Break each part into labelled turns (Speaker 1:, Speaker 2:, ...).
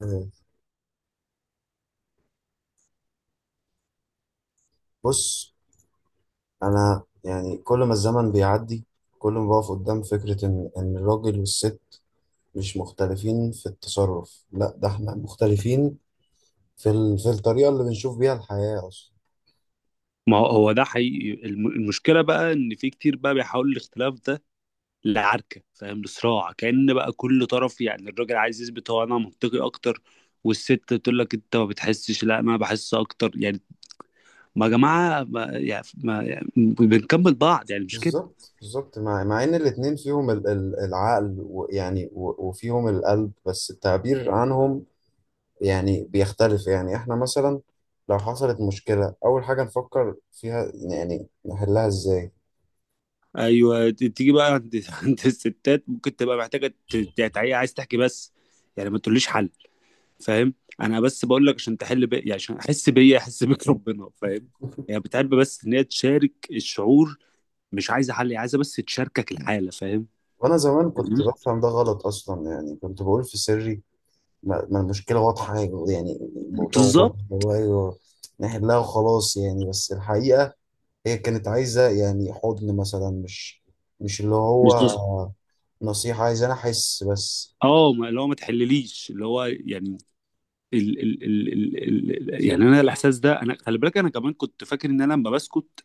Speaker 1: مم. بص، انا يعني كل ما الزمن بيعدي كل ما بقف قدام فكرة ان الراجل والست مش مختلفين في التصرف، لا ده احنا مختلفين في في الطريقة اللي بنشوف بيها الحياة اصلا.
Speaker 2: ما هو هو ده حقيقي. المشكلة بقى إن في كتير بقى بيحاول الاختلاف ده لعركة، فاهم، لصراع، كأن بقى كل طرف يعني الراجل عايز يثبت هو أنا منطقي أكتر، والست تقول لك أنت ما بتحسش، لا أنا بحس أكتر. يعني ما يا جماعة، ما يعني ما يعني بنكمل بعض، يعني مش كده؟
Speaker 1: بالظبط بالظبط، مع ان الاتنين فيهم العقل وفيهم القلب، بس التعبير عنهم يعني بيختلف. يعني احنا مثلا لو حصلت مشكلة اول حاجة نفكر فيها يعني نحلها ازاي.
Speaker 2: أيوه. تيجي بقى عند عند الستات ممكن تبقى محتاجة عايز تحكي بس، يعني ما تقوليش حل. فاهم، انا بس بقول لك عشان تحل بي، يعني عشان احس بيا احس بيك ربنا. فاهم، يعني بتحب بس ان هي تشارك الشعور، مش عايزه حل، هي عايزه بس تشاركك الحاله. فاهم؟
Speaker 1: وانا زمان كنت
Speaker 2: فاهمني؟
Speaker 1: بفهم ده غلط اصلا، يعني كنت بقول في سري ما المشكله واضحه، يعني الموضوع واضح.
Speaker 2: بالظبط.
Speaker 1: هو ايوه نحلها وخلاص يعني، بس الحقيقه هي كانت عايزه يعني حضن مثلا، مش اللي
Speaker 2: مش
Speaker 1: هو
Speaker 2: بس.
Speaker 1: نصيحه، عايزه انا احس بس.
Speaker 2: اه، اللي هو ما تحلليش، اللي هو يعني ال ال ال ال ال يعني
Speaker 1: بالظبط.
Speaker 2: انا الاحساس ده، انا خلي بالك انا كمان كنت فاكر ان انا لما بسكت،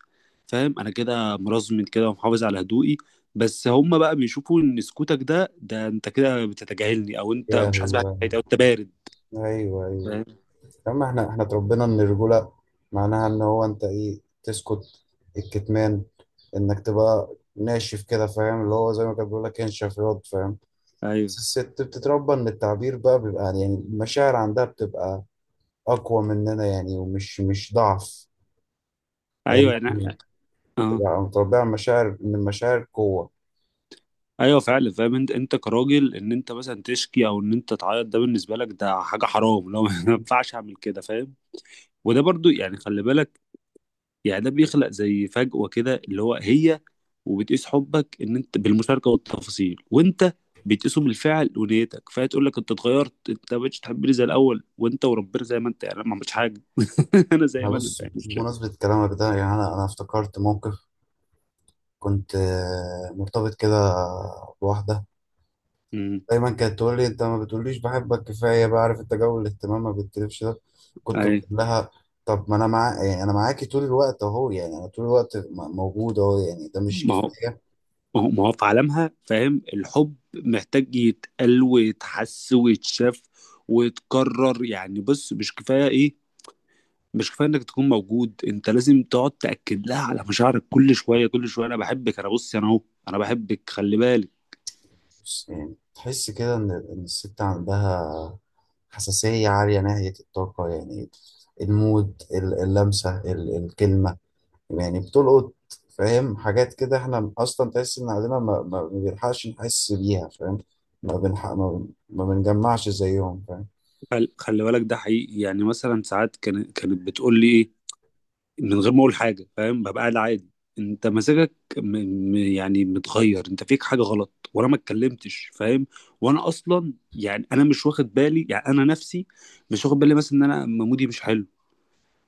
Speaker 2: فاهم، انا كده مرزم كده ومحافظ على هدوئي. بس هم بقى بيشوفوا ان سكوتك ده، ده انت كده بتتجاهلني، او انت
Speaker 1: يا
Speaker 2: مش حاسس بحاجه،
Speaker 1: هو
Speaker 2: او انت بارد.
Speaker 1: ايوه ايوه.
Speaker 2: فاهم.
Speaker 1: اما احنا اتربينا ان الرجوله معناها ان هو انت ايه، تسكت، الكتمان، انك تبقى ناشف كده، فاهم؟ اللي هو زي ما كان بيقول لك انشف ياض، فاهم؟
Speaker 2: ايوه.
Speaker 1: الست بتتربى ان التعبير بقى بيبقى يعني المشاعر عندها بتبقى اقوى مننا يعني، ومش مش ضعف. يعني
Speaker 2: ايوه يعني.
Speaker 1: إحنا
Speaker 2: اه.
Speaker 1: بتبقى متربية على مشاعر ان المشاعر قوة.
Speaker 2: ايوه فعلا، فاهم انت انت كراجل ان انت مثلا تشكي او ان انت تعيط، ده بالنسبه لك ده حاجه حرام، لو ما ينفعش اعمل كده. فاهم. وده برضو يعني خلي بالك، يعني ده بيخلق زي فجوه كده، اللي هو هي وبتقيس حبك ان انت بالمشاركه والتفاصيل، وانت بتقيسه بالفعل ونيتك، فهي تقول لك انت اتغيرت، انت ما بقتش تحبني زي الاول، وانت وربنا زي ما انت، يعني أنا ما عملتش حاجه، انا زي
Speaker 1: انا
Speaker 2: ما انا.
Speaker 1: بص،
Speaker 2: فاهم.
Speaker 1: بمناسبة كلامك ده يعني، انا افتكرت موقف. كنت آه، مرتبط كده بواحدة،
Speaker 2: مم.
Speaker 1: دايما كانت تقول لي انت ما بتقوليش بحبك كفاية، بعرف انت جو الاهتمام ما بتتلفش ده. كنت بقول
Speaker 2: ايوه.
Speaker 1: لها طب ما انا مع يعني انا معاكي طول الوقت اهو، يعني انا طول الوقت موجود اهو، يعني ده مش
Speaker 2: ما هو
Speaker 1: كفاية؟
Speaker 2: ما هو في عالمها، فاهم، الحب محتاج يتقال ويتحس ويتشاف ويتكرر. يعني بص، مش كفاية ايه، مش كفاية انك تكون موجود، انت لازم تقعد تأكد لها على مشاعرك كل شوية، كل شوية انا بحبك، انا بص انا اهو، انا بحبك، خلي بالك.
Speaker 1: بص، يعني تحس كده إن الست عندها حساسية عالية ناحية الطاقة يعني، المود، اللمسة، الكلمة، يعني بتلقط، فاهم؟ حاجات كده احنا أصلا تحس إن عندنا ما بنلحقش نحس بيها، فاهم؟ ما بنحق ما, ما بنجمعش زيهم، فاهم؟
Speaker 2: خلي بالك ده حقيقي. يعني مثلا ساعات كانت بتقول لي ايه من غير ما اقول حاجه، فاهم، ببقى قاعد عادي، انت مزاجك يعني متغير، انت فيك حاجه غلط، وانا ما اتكلمتش. فاهم، وانا اصلا يعني انا مش واخد بالي، يعني انا نفسي مش واخد بالي مثلا ان انا مودي مش حلو،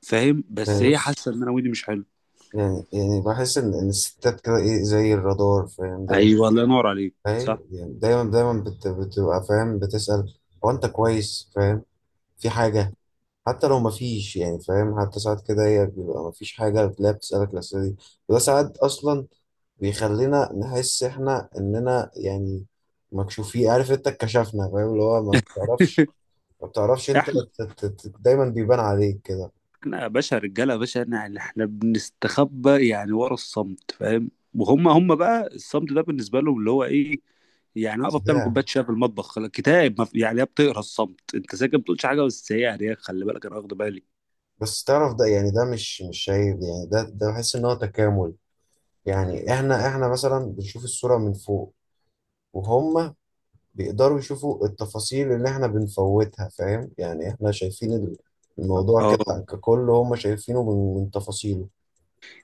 Speaker 2: فاهم، بس
Speaker 1: يعني
Speaker 2: هي حاسه
Speaker 1: بص،
Speaker 2: ان انا مودي مش حلو.
Speaker 1: يعني بحس إن الستات كده إيه، زي الرادار، فاهم؟ دايما
Speaker 2: ايوه الله ينور عليك،
Speaker 1: فاهم
Speaker 2: صح.
Speaker 1: يعني، دايما بتبقى فاهم، بتسأل هو أنت كويس؟ فاهم؟ في حاجة؟ حتى لو مفيش يعني، فاهم؟ حتى ساعات كده هي بيبقى مفيش حاجة بتلاقيها بتسألك الأسئلة دي. وده ساعات أصلا بيخلينا نحس إحنا إننا يعني مكشوفين، عارف أنت؟ اتكشفنا، فاهم؟ اللي هو ما بتعرفش، ما بتعرفش أنت، دايما بيبان عليك كده.
Speaker 2: احنا يا باشا رجاله يا باشا، احنا يعني احنا بنستخبى يعني ورا الصمت، فاهم، وهم هم بقى الصمت ده بالنسبه لهم اللي هو ايه، يعني واقفه بتعمل
Speaker 1: صداع.
Speaker 2: كوبايه شاي في المطبخ، خلاص، كتاب ما يعني هي بتقرا الصمت، انت ساكت ما بتقولش حاجه، بس هي يعني هي خلي بالك انا واخد بالي.
Speaker 1: بس تعرف ده يعني ده مش عيب، يعني ده ده بحس إن هو تكامل. يعني إحنا مثلا بنشوف الصورة من فوق، وهم بيقدروا يشوفوا التفاصيل اللي احنا بنفوتها، فاهم؟ يعني احنا شايفين الموضوع
Speaker 2: اه.
Speaker 1: كده ككل، هم شايفينه من تفاصيله.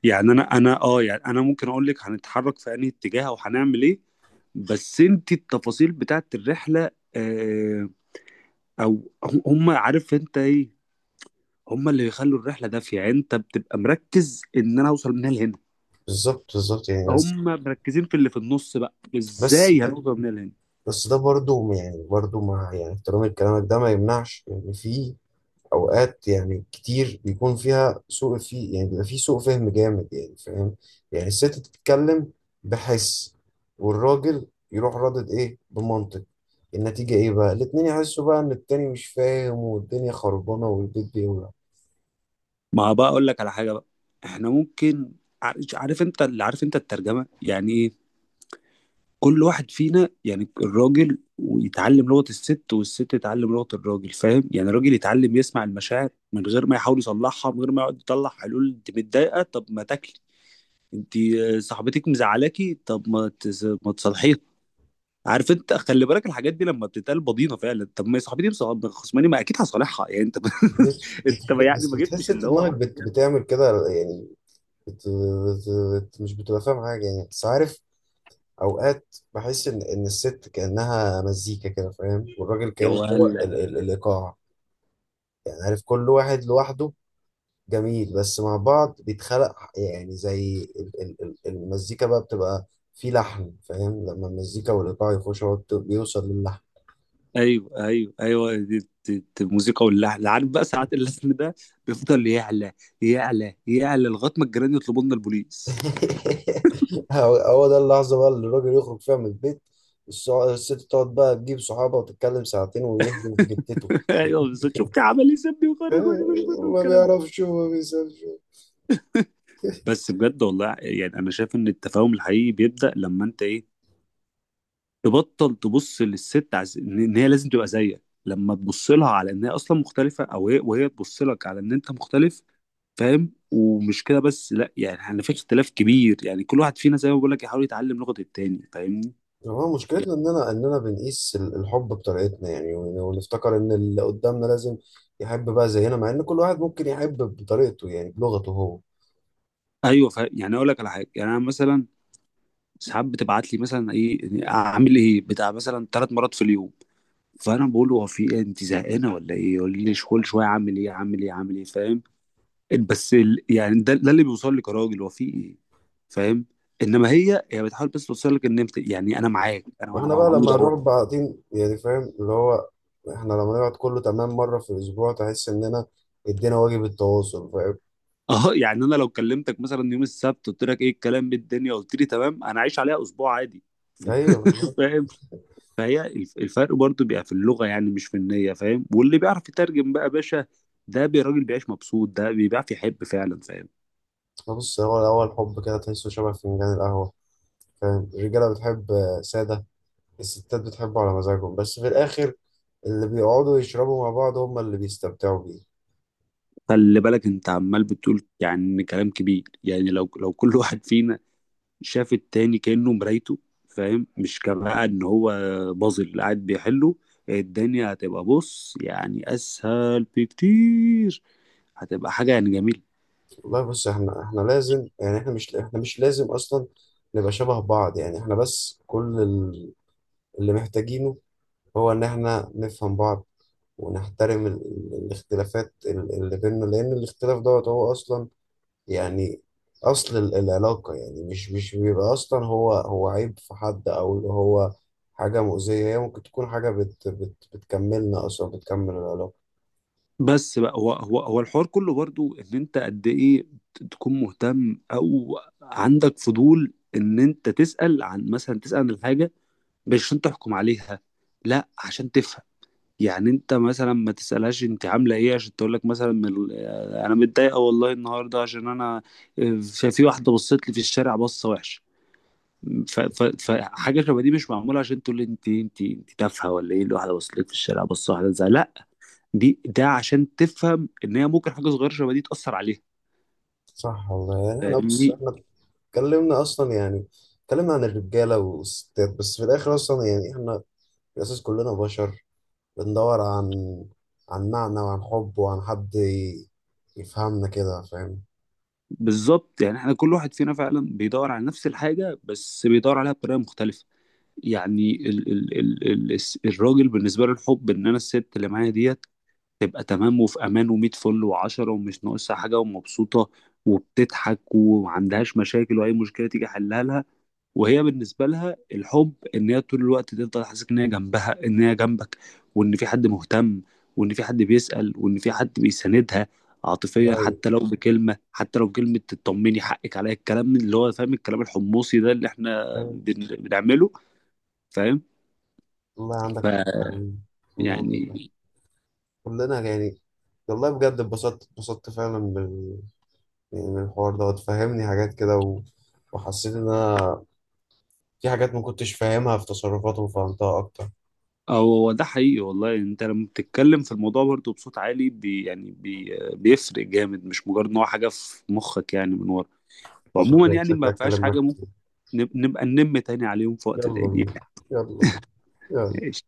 Speaker 2: يعني انا انا اه يعني انا ممكن اقول لك هنتحرك في انهي اتجاه او هنعمل ايه، بس انت التفاصيل بتاعت الرحله آه، او هم هم عارف انت ايه، هم اللي بيخلوا الرحله دافيه. يعني انت بتبقى مركز ان انا اوصل من هنا لهنا،
Speaker 1: بالظبط بالظبط يعني، بس
Speaker 2: هم مركزين في اللي في النص بقى،
Speaker 1: بس
Speaker 2: ازاي هنوصل من هنا لهنا؟
Speaker 1: بس ده برضو يعني، برضو مع يعني احترام كلامك ده، ما يمنعش ان يعني في اوقات يعني كتير بيكون فيها سوء في يعني بيبقى فيه سوء فهم جامد، يعني فاهم؟ يعني الست بتتكلم بحس، والراجل يروح رادد ايه، بمنطق. النتيجة ايه بقى؟ الاتنين يحسوا بقى ان التاني مش فاهم، والدنيا خربانة والبيت بيولع.
Speaker 2: ما هو بقى اقول لك على حاجه بقى، احنا ممكن، عارف، عارف انت اللي، عارف انت الترجمه يعني ايه، كل واحد فينا يعني الراجل ويتعلم لغه الست، والست تتعلم لغه الراجل، فاهم، يعني الراجل يتعلم يسمع المشاعر من غير ما يحاول يصلحها، من غير ما يقعد يطلع حلول، انت متضايقه طب ما تاكلي، انت آه، صاحبتك مزعلاكي طب ما تصلحيها. عارف انت خلي بالك الحاجات دي لما بتتقال بضينه فعلا، طب ما هي صاحبتي خصماني ما اكيد هصالحها، يعني انت انت ما يعني
Speaker 1: بس
Speaker 2: ما
Speaker 1: بتحس
Speaker 2: جبتش
Speaker 1: انت
Speaker 2: اللي
Speaker 1: دماغك
Speaker 2: هو.
Speaker 1: بتعمل كده يعني، بت... بت... مش بتبقى فاهم حاجة يعني، بس عارف اوقات بحس ان الست كأنها مزيكا كده، فاهم؟ والراجل
Speaker 2: يا
Speaker 1: كأنه هو
Speaker 2: ولا.
Speaker 1: الايقاع. يعني عارف كل واحد لوحده جميل، بس مع بعض بيتخلق يعني زي المزيكا بقى بتبقى في لحن، فاهم؟ لما المزيكا والإيقاع يخشوا هو بيوصل للحن.
Speaker 2: ايوه ايوه ايوه، دي الموسيقى واللحن، عارف، بقى ساعات اللحن ده بيفضل يعلى، يعلى يعلى لغايه ما الجيران يطلبوا لنا البوليس.
Speaker 1: هو هو ده اللحظة بقى اللي الراجل يخرج فيها من البيت. الست تقعد بقى تجيب صحابها وتتكلم ساعتين ويهدم في جتته.
Speaker 2: ايوه بالظبط، شفت عمل ايه، سابني وخرجوني من البيت
Speaker 1: ما
Speaker 2: والكلام ده.
Speaker 1: بيعرفش وما بيسافرش.
Speaker 2: بس بجد والله يعني انا شايف ان التفاهم الحقيقي بيبدا لما انت ايه، تبطل تبص للست ان إن هي لازم تبقى زيك، لما تبص لها على ان هي اصلا مختلفه، او هي وهي تبص لك على ان انت مختلف. فاهم، ومش كده بس، لا يعني احنا في اختلاف كبير، يعني كل واحد فينا زي ما بقول لك يحاول يتعلم لغه التاني، فاهمني؟
Speaker 1: يعني هو
Speaker 2: يعني.
Speaker 1: مشكلتنا اننا بنقيس الحب بطريقتنا يعني، ونفتكر ان اللي قدامنا لازم يحب بقى زينا، مع ان كل واحد ممكن يحب بطريقته يعني، بلغته هو.
Speaker 2: ايوه يعني اقول لك على حاجه، يعني انا مثلا ساعات بتبعت لي مثلا ايه اعمل ايه بتاع، مثلا 3 مرات في اليوم، فانا بقول له هو في ايه، انت زهقانه ولا ايه، يقول لي كل شويه اعمل ايه اعمل ايه اعمل ايه، فاهم، بس يعني ده اللي بيوصل لك يا راجل هو في ايه. فاهم، انما هي هي بتحاول بس توصل لك ان انت، يعني انا معاك انا انا
Speaker 1: واحنا بقى
Speaker 2: موجود
Speaker 1: لما
Speaker 2: اهو.
Speaker 1: نروح بعدين يعني فاهم اللي هو، احنا لما نقعد كله تمام مرة في الاسبوع تحس اننا ادينا واجب التواصل، فاهم؟
Speaker 2: اه يعني انا لو كلمتك مثلا يوم السبت قلت لك ايه الكلام بالدنيا، قلت لي تمام، انا عايش عليها اسبوع عادي.
Speaker 1: ايوه بالظبط.
Speaker 2: فاهم. فهي الفرق برضو بيبقى في اللغه، يعني مش في النيه، فاهم، واللي بيعرف يترجم بقى يا باشا، ده راجل بيعيش مبسوط، ده بيعرف يحب فعلا. فاهم.
Speaker 1: بص، هو الاول الحب كده تحسه شبه فنجان القهوة، فاهم؟ الرجالة بتحب آه، سادة. الستات بتحبه على مزاجهم، بس في الاخر اللي بيقعدوا يشربوا مع بعض هم اللي بيستمتعوا بيه.
Speaker 2: خلي بالك انت عمال بتقول يعني كلام كبير، يعني لو كل واحد فينا شاف التاني كأنه مرايته، فاهم، مش كبقى ان هو بازل قاعد بيحله، الدنيا هتبقى بص يعني اسهل بكتير، هتبقى حاجة يعني جميلة.
Speaker 1: والله بص، احنا لازم يعني، احنا مش لازم اصلا نبقى شبه بعض يعني، احنا بس كل اللي محتاجينه هو ان احنا نفهم بعض، ونحترم الاختلافات اللي بيننا، لان الاختلاف دوت هو اصلا يعني اصل العلاقة يعني، مش بيبقى اصلا هو عيب في حد او اللي هو حاجة مؤذية، هي ممكن تكون حاجة بت بت بتكملنا اصلا، بتكمل العلاقة.
Speaker 2: بس بقى هو الحوار كله برضو ان انت قد ايه تكون مهتم او عندك فضول ان انت تسأل عن، مثلا تسأل عن الحاجة مش عشان تحكم عليها، لا عشان تفهم. يعني انت مثلا ما تسألهاش انت عاملة ايه عشان تقول لك مثلا من انا متضايقة والله النهاردة عشان انا في واحدة بصت لي في الشارع بصة وحشة، فحاجة شبه دي مش معمولة عشان تقول لي انت انت انت تافهة ولا ايه، الواحدة بصت لك في الشارع بصة واحدة زي، لا دي ده عشان تفهم ان هي ممكن حاجة صغيرة شبه دي تأثر عليها.
Speaker 1: صح والله. يعني احنا بص
Speaker 2: فاهمني؟
Speaker 1: احنا اتكلمنا اصلا يعني، اتكلمنا عن الرجاله والستات، بس في الاخر اصلا يعني احنا في الاساس كلنا بشر بندور عن معنى وعن حب وعن حد يفهمنا كده، فاهم؟
Speaker 2: بالظبط، يعني احنا كل واحد فينا فعلا بيدور على نفس الحاجة، بس بيدور عليها بطريقة مختلفة. يعني ال ال ال ال الراجل بالنسبة له الحب ان انا الست اللي معايا ديت تبقى تمام وفي امان ومية فل وعشرة، ومش ناقصها حاجه، ومبسوطه وبتضحك ومعندهاش مشاكل، واي مشكله تيجي حلها لها. وهي بالنسبه لها الحب ان هي طول الوقت تفضل حاسس ان هي جنبها، ان هي جنبك، وان في حد مهتم، وان في حد بيسأل، وان في حد بيساندها عاطفيا،
Speaker 1: والله
Speaker 2: حتى لو بكلمه، حتى لو بكلمه تطمني، حقك عليا، الكلام اللي هو فاهم الكلام الحمصي ده اللي احنا
Speaker 1: فاهم؟
Speaker 2: بنعمله. فاهم؟
Speaker 1: والله عندك حق يعني، والله عندك حق.
Speaker 2: فيعني
Speaker 1: كلنا يعني، والله بجد اتبسطت، اتبسطت فعلا يعني من الحوار ده، وتفهمني حاجات كده وحسيت ان انا في حاجات ما كنتش فاهمها في تصرفاته وفهمتها اكتر.
Speaker 2: هو ده حقيقي والله، انت لما بتتكلم في الموضوع برضه بصوت عالي يعني بيفرق جامد، مش مجرد ان هو حاجه في مخك يعني من ورا. وعموما
Speaker 1: شكلي
Speaker 2: يعني
Speaker 1: شكلي
Speaker 2: ما فيهاش
Speaker 1: اتكلم معاك
Speaker 2: حاجه،
Speaker 1: كتير.
Speaker 2: ممكن نبقى ننم تاني عليهم في وقت
Speaker 1: يلا
Speaker 2: تاني
Speaker 1: بينا،
Speaker 2: يعني.
Speaker 1: يلا بينا، يلا.
Speaker 2: ايش